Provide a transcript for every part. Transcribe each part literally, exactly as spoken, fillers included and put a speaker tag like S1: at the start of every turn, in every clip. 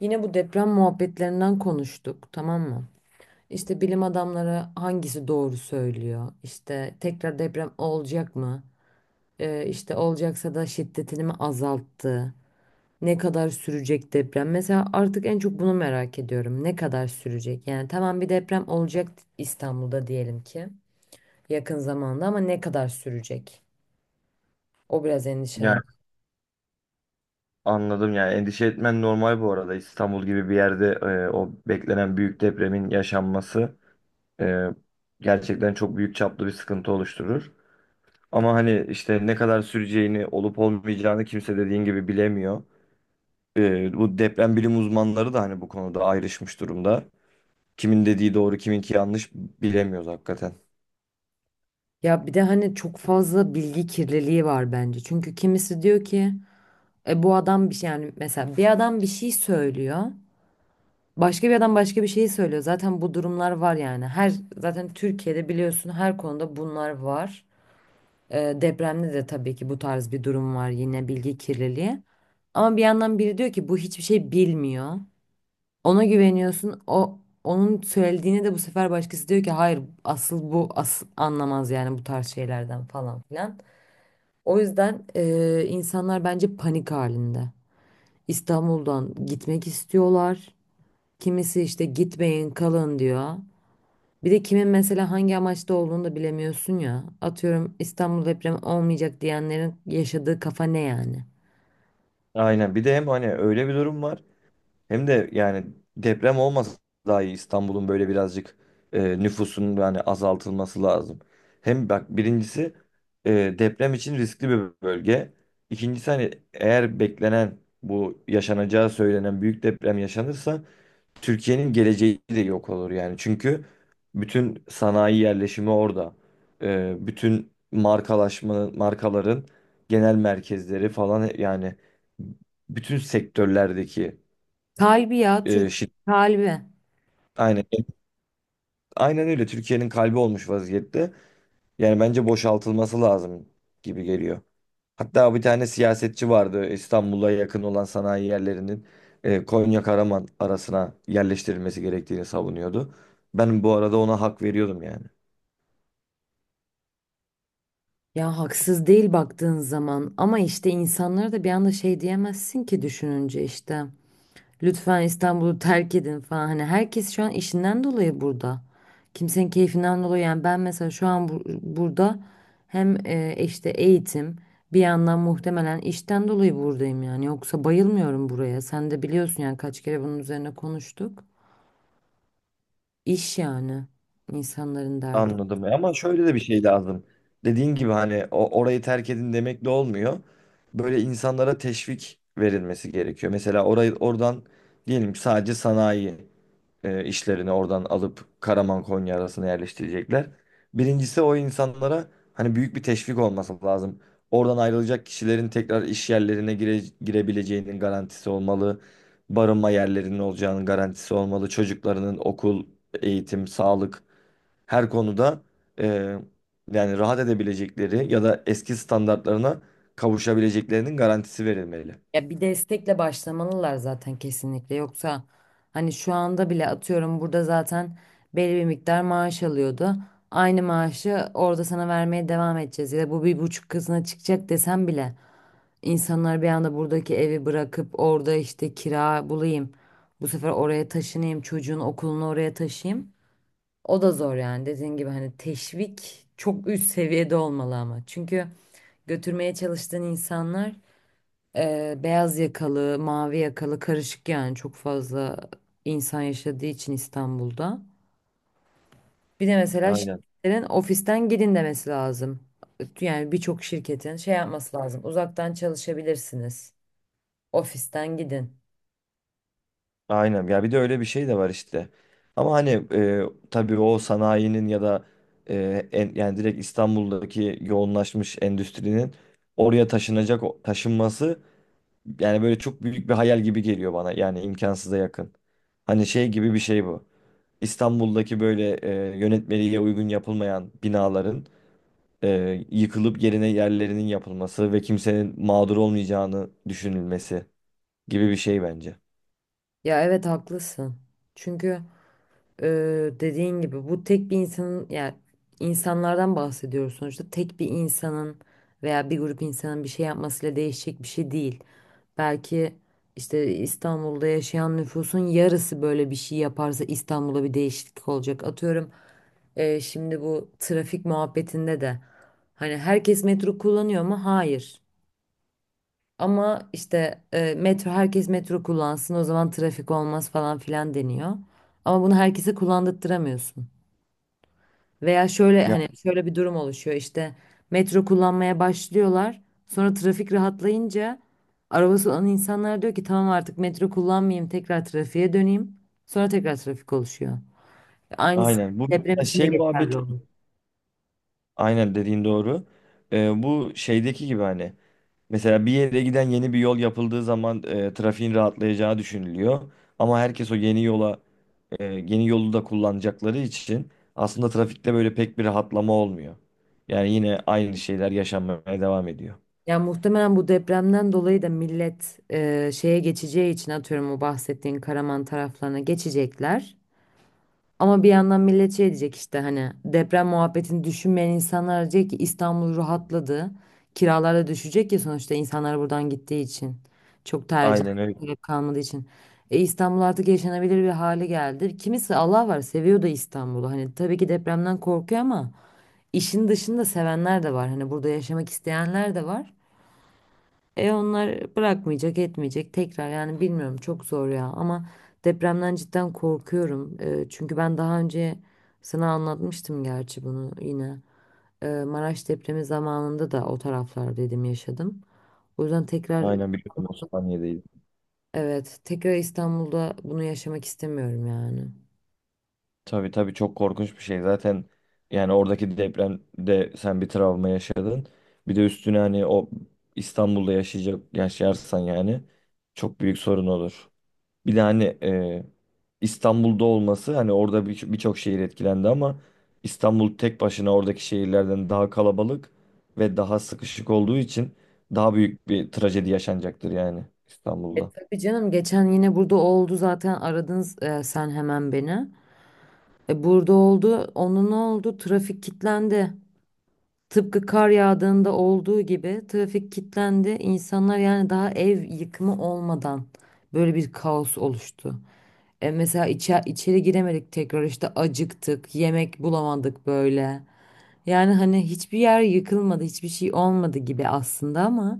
S1: Yine bu deprem muhabbetlerinden konuştuk, tamam mı? İşte bilim adamları hangisi doğru söylüyor? İşte tekrar deprem olacak mı? Ee, işte olacaksa da şiddetini mi azalttı? Ne kadar sürecek deprem? Mesela artık en çok bunu merak ediyorum. Ne kadar sürecek? Yani tamam bir deprem olacak İstanbul'da diyelim ki yakın zamanda ama ne kadar sürecek? O biraz
S2: Yani
S1: endişelen.
S2: anladım, yani endişe etmen normal. Bu arada İstanbul gibi bir yerde e, o beklenen büyük depremin yaşanması e, gerçekten çok büyük çaplı bir sıkıntı oluşturur. Ama hani işte ne kadar süreceğini, olup olmayacağını kimse dediğin gibi bilemiyor. E, bu deprem bilim uzmanları da hani bu konuda ayrışmış durumda. Kimin dediği doğru, kiminki yanlış bilemiyoruz hakikaten.
S1: Ya bir de hani çok fazla bilgi kirliliği var bence. Çünkü kimisi diyor ki E, bu adam bir şey yani mesela bir adam bir şey söylüyor. Başka bir adam başka bir şey söylüyor. Zaten bu durumlar var yani. Her zaten Türkiye'de biliyorsun her konuda bunlar var. E, depremde de tabii ki bu tarz bir durum var yine bilgi kirliliği. Ama bir yandan biri diyor ki bu hiçbir şey bilmiyor. Ona güveniyorsun. O onun söylediğini de bu sefer başkası diyor ki hayır asıl bu asıl anlamaz yani bu tarz şeylerden falan filan. O yüzden e, insanlar bence panik halinde. İstanbul'dan gitmek istiyorlar. Kimisi işte gitmeyin kalın diyor. Bir de kimin mesela hangi amaçta olduğunu da bilemiyorsun ya. Atıyorum İstanbul depremi olmayacak diyenlerin yaşadığı kafa ne yani?
S2: Aynen, bir de hem hani öyle bir durum var. Hem de yani deprem olmasa daha iyi. İstanbul'un böyle birazcık e, nüfusun yani azaltılması lazım. Hem bak, birincisi e, deprem için riskli bir bölge. İkincisi hani eğer beklenen, bu yaşanacağı söylenen büyük deprem yaşanırsa Türkiye'nin geleceği de yok olur yani. Çünkü bütün sanayi yerleşimi orada. E, bütün markalaşma, markaların genel merkezleri falan, yani bütün sektörlerdeki
S1: Kalbi ya
S2: e,
S1: Türk
S2: şirketler.
S1: kalbi.
S2: Aynen, evet. Aynen öyle. Türkiye'nin kalbi olmuş vaziyette. Yani bence boşaltılması lazım gibi geliyor. Hatta bir tane siyasetçi vardı, İstanbul'a yakın olan sanayi yerlerinin e, Konya Karaman arasına yerleştirilmesi gerektiğini savunuyordu. Ben bu arada ona hak veriyordum yani.
S1: Ya haksız değil baktığın zaman ama işte insanlara da bir anda şey diyemezsin ki düşününce işte. Lütfen İstanbul'u terk edin falan. Hani herkes şu an işinden dolayı burada. Kimsenin keyfinden dolayı. Yani ben mesela şu an bu- burada hem e, işte eğitim bir yandan muhtemelen işten dolayı buradayım yani. Yoksa bayılmıyorum buraya. Sen de biliyorsun yani kaç kere bunun üzerine konuştuk. İş yani insanların derdi.
S2: Anladım. E, Ama şöyle de bir şey lazım. Dediğin gibi hani o, orayı terk edin demek de olmuyor. Böyle insanlara teşvik verilmesi gerekiyor. Mesela orayı, oradan diyelim ki sadece sanayi, e, işlerini oradan alıp Karaman Konya arasına yerleştirecekler. Birincisi o insanlara hani büyük bir teşvik olması lazım. Oradan ayrılacak kişilerin tekrar iş yerlerine gire, girebileceğinin garantisi olmalı. Barınma yerlerinin olacağının garantisi olmalı. Çocuklarının okul, eğitim, sağlık, her konuda e, yani rahat edebilecekleri ya da eski standartlarına kavuşabileceklerinin garantisi verilmeli.
S1: Ya bir destekle başlamalılar zaten kesinlikle. Yoksa hani şu anda bile atıyorum burada zaten belli bir miktar maaş alıyordu. Aynı maaşı orada sana vermeye devam edeceğiz. Ya da bu bir buçuk katına çıkacak desem bile insanlar bir anda buradaki evi bırakıp orada işte kira bulayım. Bu sefer oraya taşınayım, çocuğun okulunu oraya taşıyayım. O da zor yani dediğin gibi hani teşvik çok üst seviyede olmalı ama. Çünkü götürmeye çalıştığın insanlar ee, beyaz yakalı, mavi yakalı karışık yani çok fazla insan yaşadığı için İstanbul'da. Bir de mesela
S2: Aynen.
S1: şirketlerin ofisten gidin demesi lazım. Yani birçok şirketin şey yapması lazım. Uzaktan çalışabilirsiniz. Ofisten gidin.
S2: Aynen ya, bir de öyle bir şey de var işte. Ama hani e, tabii o sanayinin ya da e, en, yani direkt İstanbul'daki yoğunlaşmış endüstrinin oraya taşınacak o- taşınması, yani böyle çok büyük bir hayal gibi geliyor bana. Yani imkansıza yakın. Hani şey gibi bir şey bu. İstanbul'daki böyle e, yönetmeliğe uygun yapılmayan binaların e, yıkılıp yerine yerlerinin yapılması ve kimsenin mağdur olmayacağını düşünülmesi gibi bir şey bence.
S1: Ya evet, haklısın. Çünkü e, dediğin gibi bu tek bir insanın yani insanlardan bahsediyoruz sonuçta tek bir insanın veya bir grup insanın bir şey yapmasıyla değişecek bir şey değil. Belki işte İstanbul'da yaşayan nüfusun yarısı böyle bir şey yaparsa İstanbul'a bir değişiklik olacak. Atıyorum e, şimdi bu trafik muhabbetinde de hani herkes metro kullanıyor mu? Hayır. Ama işte e, metro herkes metro kullansın o zaman trafik olmaz falan filan deniyor. Ama bunu herkese kullandırtamıyorsun. Veya şöyle
S2: Ya
S1: hani şöyle bir durum oluşuyor işte metro kullanmaya başlıyorlar. Sonra trafik rahatlayınca arabası olan insanlar diyor ki tamam artık metro kullanmayayım tekrar trafiğe döneyim. Sonra tekrar trafik oluşuyor. Aynısı
S2: aynen, bu
S1: deprem için de
S2: şey
S1: geçerli
S2: muhabbeti.
S1: olur.
S2: Aynen, dediğin doğru. Ee, bu şeydeki gibi hani mesela bir yere giden yeni bir yol yapıldığı zaman e, trafiğin rahatlayacağı düşünülüyor. Ama herkes o yeni yola e, yeni yolu da kullanacakları için aslında trafikte böyle pek bir rahatlama olmuyor. Yani yine aynı şeyler yaşanmaya devam ediyor.
S1: Ya muhtemelen bu depremden dolayı da millet e, şeye geçeceği için atıyorum o bahsettiğin Karaman taraflarına geçecekler. Ama bir yandan millet şey diyecek işte hani deprem muhabbetini düşünmeyen insanlar diyecek ki İstanbul rahatladı. Kiralar da düşecek ya sonuçta insanlar buradan gittiği için. Çok tercih
S2: Aynen öyle.
S1: gerek kalmadığı için. E, İstanbul artık yaşanabilir bir hale geldi. Kimisi Allah var seviyor da İstanbul'u. Hani tabii ki depremden korkuyor ama işin dışında sevenler de var. Hani burada yaşamak isteyenler de var. E onlar bırakmayacak, etmeyecek tekrar yani bilmiyorum çok zor ya ama depremden cidden korkuyorum. E, çünkü ben daha önce sana anlatmıştım gerçi bunu yine. E, Maraş depremi zamanında da o taraflar dedim yaşadım. O yüzden tekrar
S2: Aynen, biliyorum, Osmaniye'deyiz.
S1: evet, tekrar İstanbul'da bunu yaşamak istemiyorum yani.
S2: Tabii, tabii, çok korkunç bir şey. Zaten yani oradaki depremde sen bir travma yaşadın. Bir de üstüne hani o İstanbul'da yaşayacak, yaşarsan yani çok büyük sorun olur. Bir de hani e, İstanbul'da olması, hani orada bir- birçok şehir etkilendi ama İstanbul tek başına oradaki şehirlerden daha kalabalık ve daha sıkışık olduğu için daha büyük bir trajedi yaşanacaktır yani
S1: E
S2: İstanbul'da.
S1: tabii canım, geçen yine burada oldu zaten, aradınız e, sen hemen beni. E, burada oldu. Onun ne oldu? Trafik kilitlendi. Tıpkı kar yağdığında olduğu gibi trafik kilitlendi. İnsanlar yani daha ev yıkımı olmadan böyle bir kaos oluştu. E mesela içe- içeri giremedik tekrar işte, acıktık, yemek bulamadık böyle. Yani hani hiçbir yer yıkılmadı, hiçbir şey olmadı gibi aslında ama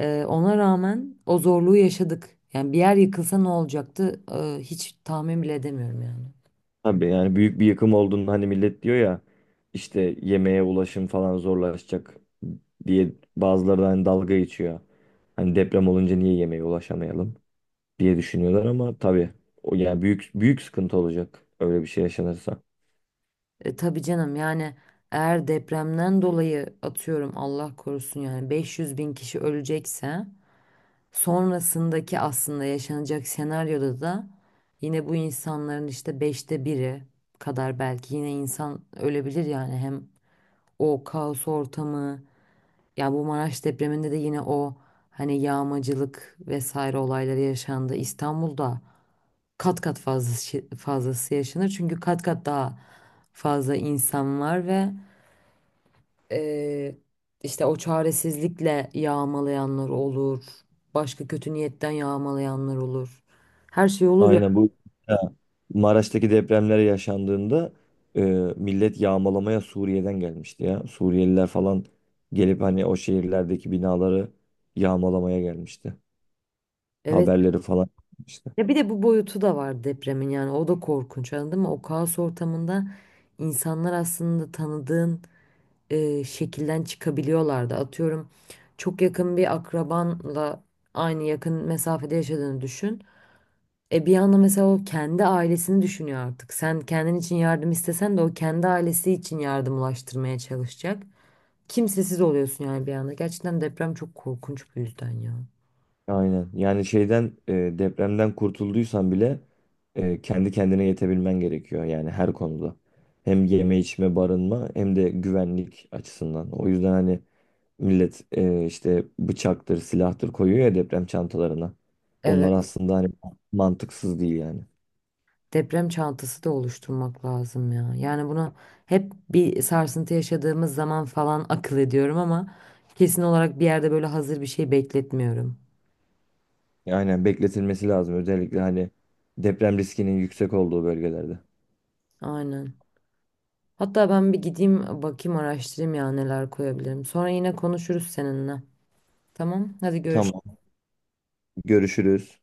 S1: e, ona rağmen o zorluğu yaşadık. Yani bir yer yıkılsa ne olacaktı? E, hiç tahmin bile edemiyorum yani.
S2: Tabii yani büyük bir yıkım olduğunda hani millet diyor ya, işte yemeğe ulaşım falan zorlaşacak diye, bazıları da hani dalga geçiyor. Hani deprem olunca niye yemeğe ulaşamayalım diye düşünüyorlar, ama tabii o, yani büyük büyük sıkıntı olacak öyle bir şey yaşanırsa.
S1: E, tabii canım, yani eğer depremden dolayı atıyorum Allah korusun yani beş yüz bin kişi ölecekse sonrasındaki aslında yaşanacak senaryoda da yine bu insanların işte beşte biri kadar belki yine insan ölebilir yani hem o kaos ortamı ya bu Maraş depreminde de yine o hani yağmacılık vesaire olayları yaşandı İstanbul'da kat kat fazlası, fazlası yaşanır çünkü kat kat daha fazla insan var ve ee, işte o çaresizlikle yağmalayanlar olur. Başka kötü niyetten yağmalayanlar olur. Her şey olur ya.
S2: Aynen, bu Maraş'taki depremler yaşandığında e, millet yağmalamaya Suriye'den gelmişti ya. Suriyeliler falan gelip hani o şehirlerdeki binaları yağmalamaya gelmişti.
S1: Evet.
S2: Haberleri falan işte.
S1: Ya bir de bu boyutu da var depremin yani o da korkunç, anladın mı? O kaos ortamında insanlar aslında tanıdığın e, şekilden çıkabiliyorlardı. Atıyorum çok yakın bir akrabanla aynı yakın mesafede yaşadığını düşün. E bir anda mesela o kendi ailesini düşünüyor artık. Sen kendin için yardım istesen de o kendi ailesi için yardım ulaştırmaya çalışacak. Kimsesiz oluyorsun yani bir anda. Gerçekten deprem çok korkunç bu yüzden ya.
S2: Aynen. Yani şeyden, e, depremden kurtulduysan bile e, kendi kendine yetebilmen gerekiyor yani her konuda. Hem yeme, içme, barınma, hem de güvenlik açısından. O yüzden hani millet e, işte bıçaktır, silahtır koyuyor ya deprem çantalarına. Onlar
S1: Evet,
S2: aslında hani mantıksız değil yani.
S1: deprem çantası da oluşturmak lazım ya. Yani bunu hep bir sarsıntı yaşadığımız zaman falan akıl ediyorum ama kesin olarak bir yerde böyle hazır bir şey bekletmiyorum.
S2: Aynen, bekletilmesi lazım, özellikle hani deprem riskinin yüksek olduğu bölgelerde.
S1: Aynen. Hatta ben bir gideyim bakayım araştırayım ya, neler koyabilirim. Sonra yine konuşuruz seninle. Tamam, hadi
S2: Tamam,
S1: görüşürüz.
S2: görüşürüz.